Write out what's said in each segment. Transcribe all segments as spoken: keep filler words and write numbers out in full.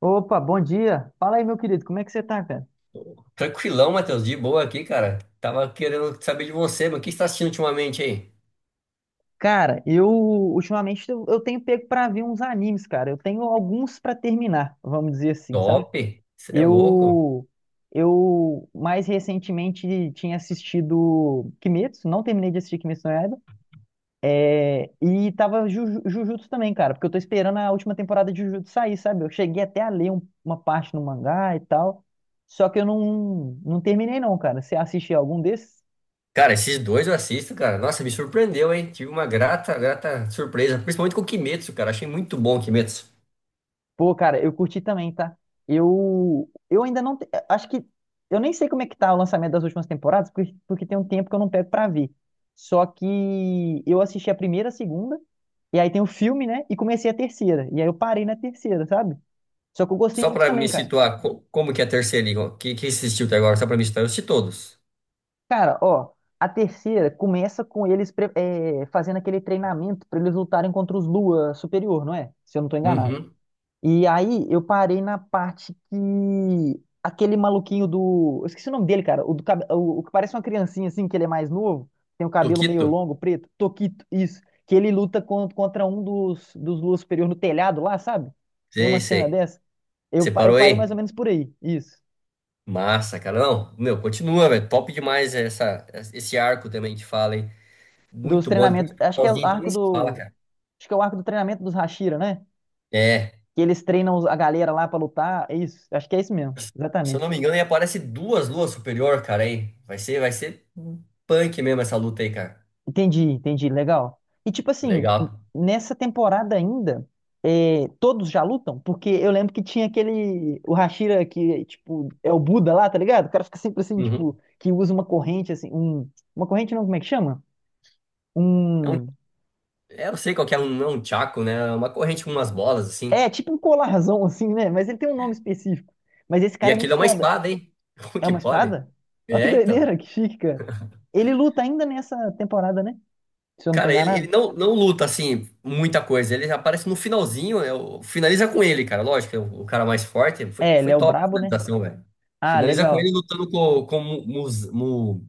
Opa, bom dia. Fala aí, meu querido, como é que você tá, cara? Tranquilão, Matheus, de boa aqui, cara. Tava querendo saber de você, mas o que você tá assistindo ultimamente aí? Cara, eu ultimamente eu, eu tenho pego pra ver uns animes, cara. Eu tenho alguns pra terminar, vamos dizer assim, sabe? Top! Você é louco? Eu eu mais recentemente tinha assistido Kimetsu, não terminei de assistir Kimetsu no Yaiba, é, e tava Juju- Jujutsu também, cara, porque eu tô esperando a última temporada de Jujutsu sair, sabe? Eu cheguei até a ler um- uma parte no mangá e tal, só que eu não não terminei não, cara. Você assistiu algum desses? Cara, esses dois eu assisto, cara. Nossa, me surpreendeu, hein? Tive uma grata, grata surpresa, principalmente com o Kimetsu, cara. Achei muito bom o Kimetsu. Pô, cara, eu curti também, tá? Eu, eu ainda não. te- Acho que. Eu nem sei como é que tá o lançamento das últimas temporadas, porque, porque tem um tempo que eu não pego pra ver. Só que eu assisti a primeira, a segunda, e aí tem o filme, né? E comecei a terceira. E aí eu parei na terceira, sabe? Só que eu gostei Só muito pra também, me cara. situar, co- como que é a terceira liga? O que, que você assistiu até agora? Só pra me situar, eu assisti todos. Cara, ó, a terceira começa com eles pre- eh, fazendo aquele treinamento pra eles lutarem contra os Lua Superior, não é? Se eu não tô enganado. Uhum. E aí eu parei na parte que aquele maluquinho do. Eu esqueci o nome dele, cara. O, do, cabe- o, o que parece uma criancinha assim, que ele é mais novo, tem o cabelo meio Tokito? longo, preto. Toquito, isso. Que ele luta con- contra um dos, dos Lua Superior no telhado lá, sabe? Tem uma Sei, cena sei. dessa. Eu, Você pa- eu parou parei mais ou aí? menos por aí, isso. Massa, cara. Não, meu, continua, velho. Top demais essa, esse arco também que fala, hein? Dos Muito bom. Depois treinamentos. Acho que é o sozinho, então nem arco se fala, do. cara. Acho que é o arco do treinamento dos Hashira, né? É, Que eles treinam os- a galera lá pra lutar. É isso. Acho que é isso mesmo. se eu não Exatamente. me engano, aí aparece duas luas superior, cara, hein? Vai ser, vai ser punk mesmo essa luta aí, cara. Entendi, entendi, legal. E tipo assim, Legal. nessa temporada ainda, é, todos já lutam? Porque eu lembro que tinha aquele, o Hashira que, tipo, é o Buda lá, tá ligado? O cara fica sempre assim, Uhum. tipo, que usa uma corrente, assim, um, uma corrente não, como é que chama? É um, Um, é, eu sei qual que é, um, é um chaco, né? É uma corrente com umas bolas, assim. é, tipo um colarzão, assim, né? Mas ele tem um nome específico. Mas esse E cara é muito aquilo é uma foda. espada, hein? Como É que uma pode? espada? Olha que É, então. doideira, que chique, cara. Ele luta ainda nessa temporada, né? Se eu não tô Cara, ele, ele enganado. não, não luta, assim, muita coisa. Ele aparece no finalzinho, eu, finaliza com ele, cara. Lógico, é o, o cara mais forte. Foi, É, ele foi é o top a brabo, né? finalização, velho. Ah, Finaliza com legal. ele lutando com, com o Mu- Muz- Mu-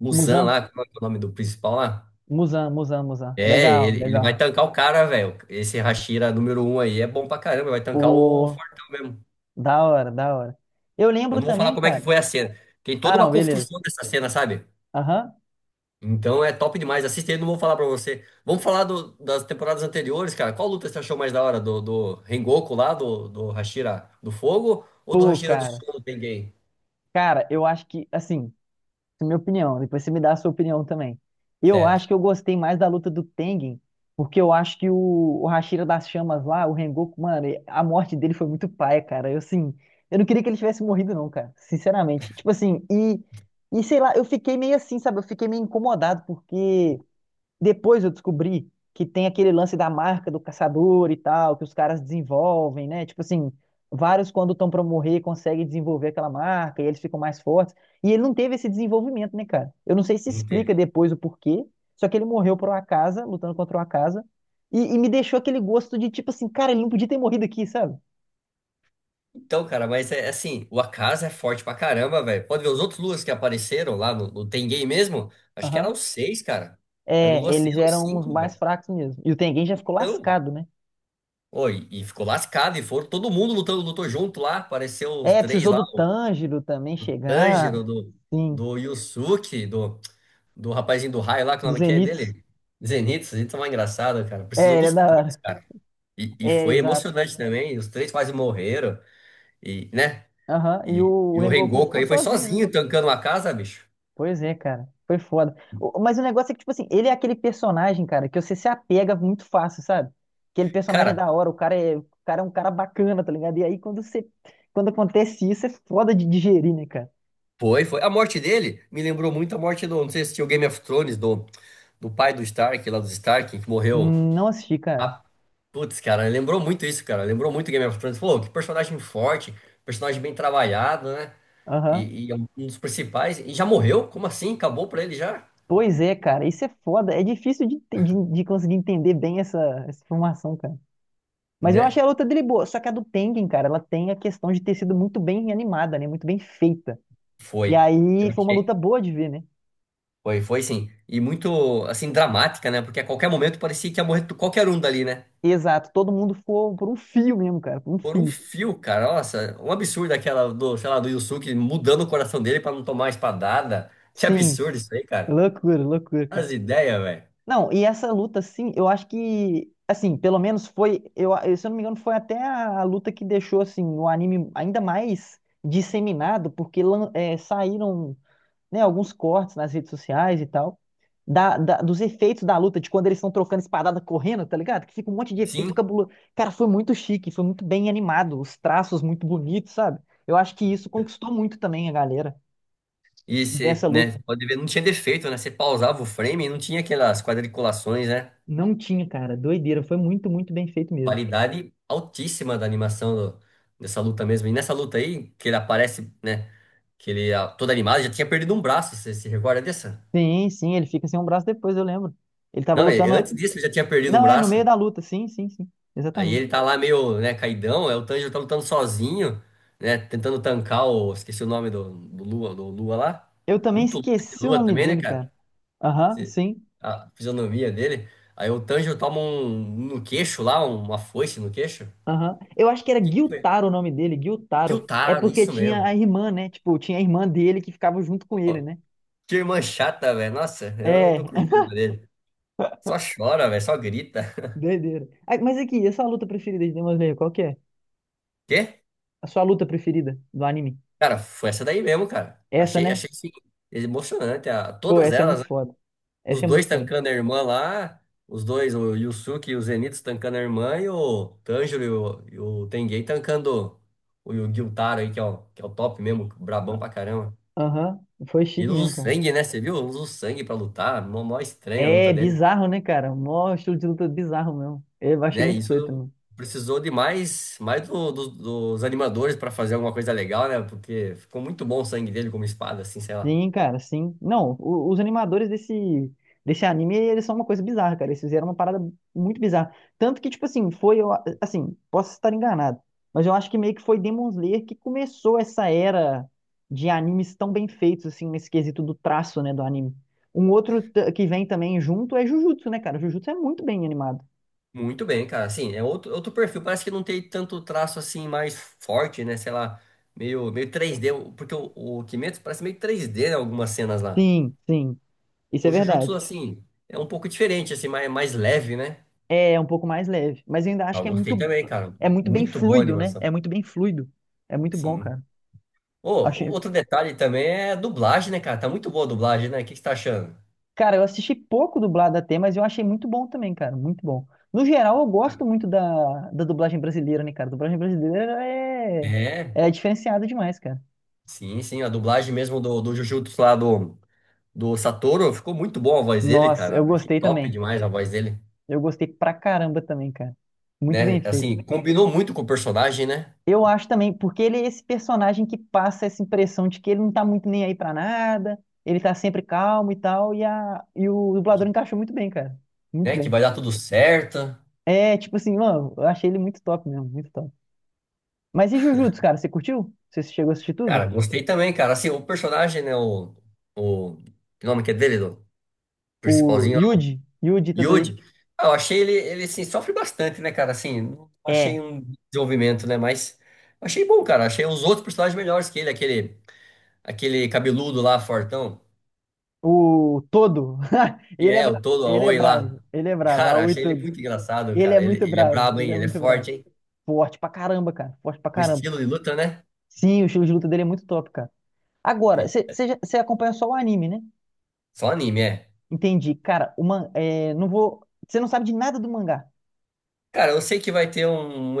Muzan Muzan. lá, como é que é o nome do principal lá? Musan, Musan, Musan. É, Legal, ele, ele vai legal. tancar o cara, velho. Esse Hashira número um aí é bom pra caramba, vai tancar o Pô, Fortão mesmo. da hora, da hora. Eu Eu lembro não vou falar também, como é que cara. foi a cena. Tem Ah, toda não, uma beleza. construção dessa cena, sabe? Aham. Então é top demais. Assista aí, não vou falar pra você. Vamos falar do- das temporadas anteriores, cara. Qual luta você achou mais da hora? Do, do Rengoku lá, do, do Hashira do Fogo ou do Pô, Hashira do cara. Sol do Tengen? Cara, eu acho que, assim, é minha opinião. Depois você me dá a sua opinião também. Eu Certo. acho que eu gostei mais da luta do Tengen, porque eu acho que o, o Hashira das Chamas lá, o Rengoku, mano, e- a morte dele foi muito paia, cara. Eu, assim, eu não queria que ele tivesse morrido, não, cara. Sinceramente. Tipo assim, e, e sei lá, eu fiquei meio assim, sabe? Eu fiquei meio incomodado, porque. Depois eu descobri que tem aquele lance da marca do caçador e tal, que os caras desenvolvem, né? Tipo assim, vários quando estão pra morrer conseguem desenvolver aquela marca e eles ficam mais fortes. E ele não teve esse desenvolvimento, né, cara? Eu não sei se Não explica teve. depois o porquê, só que ele morreu por uma casa, lutando contra uma casa, e, e me deixou aquele gosto de tipo assim, cara, ele não podia ter morrido aqui, sabe? Então, cara, mas é assim, o Akaza é forte pra caramba, velho. Pode ver os outros Luas que apareceram lá no, no Tengen mesmo. Acho que Aham. eram seis, cara. Era o É, Lua eles seis ou eram os cinco, mais velho. fracos mesmo. E o Tengen já ficou Então, lascado, né? ó, e e ficou lascado, e foram todo mundo lutando, lutou junto lá. Apareceu os É, três precisou lá, do o, Tanjiro também do chegar, Tanjiro, do, sim, do Yusuke, do, do rapazinho do raio lá, que o do nome que é Zenitsu. dele? Zenitsu, Zenitsu é mais engraçado, cara. É, Precisou ele é dos da três, hora. cara. E, e É, foi exato. emocionante também, os três quase morreram, e, né? Aham. E E, o e o Rengoku Rengoku ficou aí foi sozinho, né? sozinho tancando uma casa, bicho. Pois é, cara. Foi foda. O- Mas o negócio é que, tipo assim, ele é aquele personagem, cara, que você se apega muito fácil, sabe? Aquele personagem é Cara, da hora, o cara é, o cara é um cara bacana, tá ligado? E aí quando você, quando acontece isso, é foda de digerir, né, cara? foi, foi. A morte dele me lembrou muito a morte do. Não sei se tinha o Game of Thrones, do, do pai do Stark, lá dos Stark, que morreu. Hum, Não assisti, cara. Ah, putz, cara, lembrou muito isso, cara. Lembrou muito Game of Thrones. Pô, que personagem forte, personagem bem trabalhado, né? Aham. E, e é um dos principais. E já morreu? Como assim? Acabou pra ele já? Pois é, cara. Isso é foda. É difícil de, de, de conseguir entender bem essa, essa informação, cara. Mas eu Né? achei a luta dele boa. Só que a do Tengen, cara, ela tem a questão de ter sido muito bem animada, né? Muito bem feita. E Foi. Eu aí foi uma luta achei. boa de ver, né? Foi, foi sim. E muito, assim, dramática, né? Porque a qualquer momento parecia que ia morrer qualquer um dali, né? Exato, todo mundo foi por um fio mesmo, cara, por um Por um fio. fio, cara. Nossa, um absurdo aquela do, sei lá, do Yusuke mudando o coração dele pra não tomar espadada. Que Sim, absurdo isso aí, cara. loucura, loucura, cara. As ideias, velho. Não, e essa luta, assim, eu acho que, assim, pelo menos foi, eu, se eu não me engano, foi até a, a luta que deixou, assim, o anime ainda mais disseminado, porque lan- é, saíram né, alguns cortes nas redes sociais e tal, da, da- dos efeitos da luta, de quando eles estão trocando espadada correndo, tá ligado? Que fica um monte de efeito Sim. cabuloso. Cara, foi muito chique, foi muito bem animado, os traços muito bonitos, sabe? Eu acho que isso conquistou muito também a galera E você, dessa luta. né, pode ver, não tinha defeito, né? Você pausava o frame e não tinha aquelas quadriculações, né? Não tinha, cara, doideira, foi muito, muito bem feito mesmo. Qualidade altíssima da animação do- dessa luta mesmo. E nessa luta aí, que ele aparece, né? Que ele, ah, todo animado, já tinha perdido um braço. Você se recorda dessa? Sim, sim, ele fica sem um braço depois, eu lembro. Ele tava Não, e- lutando. antes disso ele já tinha perdido um Não, é, no meio braço. da luta, sim, sim, sim, Aí ele exatamente. tá lá meio, né, caidão, aí o Tanjiro tá lutando sozinho, né, tentando tancar o... Esqueci o nome do, do Lua, do Lua lá. Eu também Muito louco que esqueci o Lua nome também, né, dele, cara? cara. Aham, Se- sim. A fisionomia dele. Aí o Tanjiro toma um no queixo lá, uma foice no queixo. Aham. Eu acho que era Que que foi? Guiltaro o nome dele, Guiltaro. É Gyutaro, porque isso tinha mesmo. a irmã, né? Tipo, tinha a irmã dele que ficava junto com ele, Pô, né? que irmã chata, velho. Nossa, eu não É, curti o dele. Só chora, velho, só grita. doideira. Ah, mas aqui, essa é a sua luta preferida de Demon Slayer, qual que é? Quê? A sua luta preferida do anime? Cara, foi essa daí mesmo, cara. Essa, Achei, né? achei assim, emocionante. a- Pô, Todas essa é muito elas. foda. Os Essa é dois muito foda. tancando a irmã lá, os dois, o Yusuke e o Zenitsu tancando a irmã e o Tanjiro e o, e o Tenguei tancando o, o Gyutaro aí, que é o, que é o top mesmo, brabão pra caramba. Aham, foi E chique usa o mesmo, cara. sangue, né? Você viu? Usa o sangue pra lutar, mó, mó estranha a luta É dele. bizarro, né, cara? Mó estilo de luta bizarro mesmo. Eu achei Né? muito doido Isso também. precisou de mais, mais do- do- dos animadores pra fazer alguma coisa legal, né? Porque ficou muito bom o sangue dele como espada, assim, sei lá. Sim, cara, sim. Não, o- os animadores desse, desse anime, eles são uma coisa bizarra, cara. Eles fizeram uma parada muito bizarra. Tanto que, tipo assim, foi, eu a- assim, posso estar enganado, mas eu acho que meio que foi Demon Slayer que começou essa era de animes tão bem feitos, assim, nesse quesito do traço, né, do anime. Um outro t- que vem também junto é Jujutsu, né, cara? Jujutsu é muito bem animado. Muito bem, cara. Assim, é outro, outro perfil. Parece que não tem tanto traço assim mais forte, né? Sei lá, meio, meio três D. Porque o, o Kimetsu parece meio três D em algumas cenas lá. Sim, sim, isso é O Jujutsu, verdade. assim, é um pouco diferente, assim, mais, mais leve, né? É um pouco mais leve, mas eu ainda Ah, acho eu que é gostei muito, também, cara. é muito bem Muito boa a fluido, né? É animação. muito bem fluido. É muito bom, Sim. cara. Ô, Achei. outro detalhe também é a dublagem, né, cara? Tá muito boa a dublagem, né? O que que você tá achando? Cara, eu assisti pouco dublado até, mas eu achei muito bom também, cara. Muito bom. No geral, eu gosto muito da, da dublagem brasileira, né, cara? A dublagem brasileira é, É, é diferenciada demais, cara. sim, sim. A dublagem mesmo do, do Jujutsu lá do, do Satoru ficou muito boa a voz dele, Nossa, cara. eu Achei gostei top também. demais a voz dele. Eu gostei pra caramba também, cara. Muito bem Né? feito. Assim, combinou muito com o personagem, né? Eu acho também, porque ele é esse personagem que passa essa impressão de que ele não tá muito nem aí pra nada, ele tá sempre calmo e tal, e, a, e o Que, dublador encaixou muito bem, cara. Muito né, que bem. vai dar tudo certo. É, tipo assim, mano, eu achei ele muito top mesmo, muito top. Mas e Jujutsu, cara? Você curtiu? Você chegou a assistir Cara, tudo? gostei também, cara. Assim, o personagem, né? O, o que nome que é dele, do O principalzinho, o Yuji, Yuji Itadori. Yuji. Ah, eu achei ele, ele assim, sofre bastante, né, cara? Assim, não achei É. um desenvolvimento, né? Mas achei bom, cara. Achei os outros personagens melhores que ele, aquele, aquele cabeludo lá, fortão, O Todo. que Ele é é o bravo. todo Ele é Aoi bravo. lá. Ele é bravo. Cara, Aoi achei ele tudo. muito engraçado, Ele é cara. Ele, muito ele é bravo. brabo, Ele hein? é Ele é muito bravo. forte, hein? Forte pra caramba, cara. Forte pra O caramba. estilo de luta, né? Sim, o estilo de luta dele é muito top, cara. Agora, Que- você acompanha só o anime, né? Só anime, é. Entendi. Cara, o man, é, não vou. Você não sabe de nada do mangá. Cara, eu sei que vai ter um,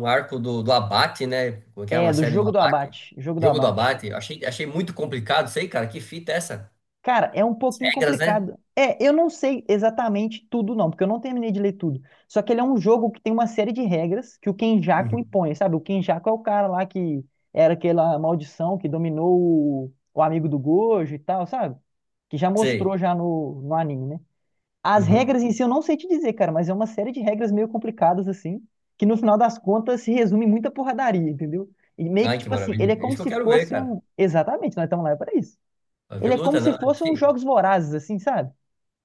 um arco do, do Abate, né? Como é que é? É, Uma do série do jogo do Abate? abate. Jogo do Jogo do abate. Abate. Eu achei, achei muito complicado, sei, cara. Que fita é essa? Cara, é um As pouquinho regras, né? complicado. É, eu não sei exatamente tudo, não, porque eu não terminei de ler tudo. Só que ele é um jogo que tem uma série de regras que o Kenjaku Uhum. impõe, sabe? O Kenjaku é o cara lá que era aquela maldição que dominou o, o amigo do Gojo e tal, sabe? Que já mostrou Sei. já no, no anime, né? As Uhum. regras em si eu não sei te dizer, cara, mas é uma série de regras meio complicadas, assim, que no final das contas se resume em muita porradaria, entendeu? E meio que, Ai, que tipo assim, ele é maravilha. É como isso que eu se quero ver, fosse cara. um. Exatamente, nós estamos lá para isso. Vai ver Ele é como luta, se não? fosse uns Aqui. jogos vorazes, assim, sabe?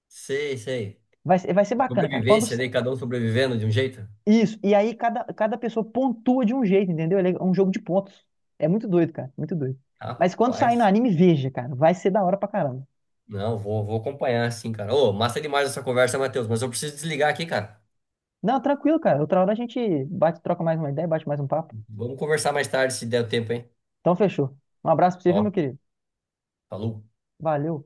Sei, sei. Vai, ser- vai ser bacana, cara. Quando Sobrevivência, sa- né? Cada um sobrevivendo de um jeito. isso, e aí cada, cada pessoa pontua de um jeito, entendeu? Ele é um jogo de pontos. É muito doido, cara, muito doido. Mas quando sair no Rapaz. anime, veja, cara, vai ser da hora pra caramba. Não, vou, vou acompanhar, sim, cara. Ô, massa demais essa conversa, Matheus. Mas eu preciso desligar aqui, cara. Não, tranquilo, cara. Outra hora a gente bate, troca mais uma ideia, bate mais um papo. Vamos conversar mais tarde, se der tempo, hein? Então fechou. Um abraço pra você, viu, meu Ó, querido? falou. Valeu.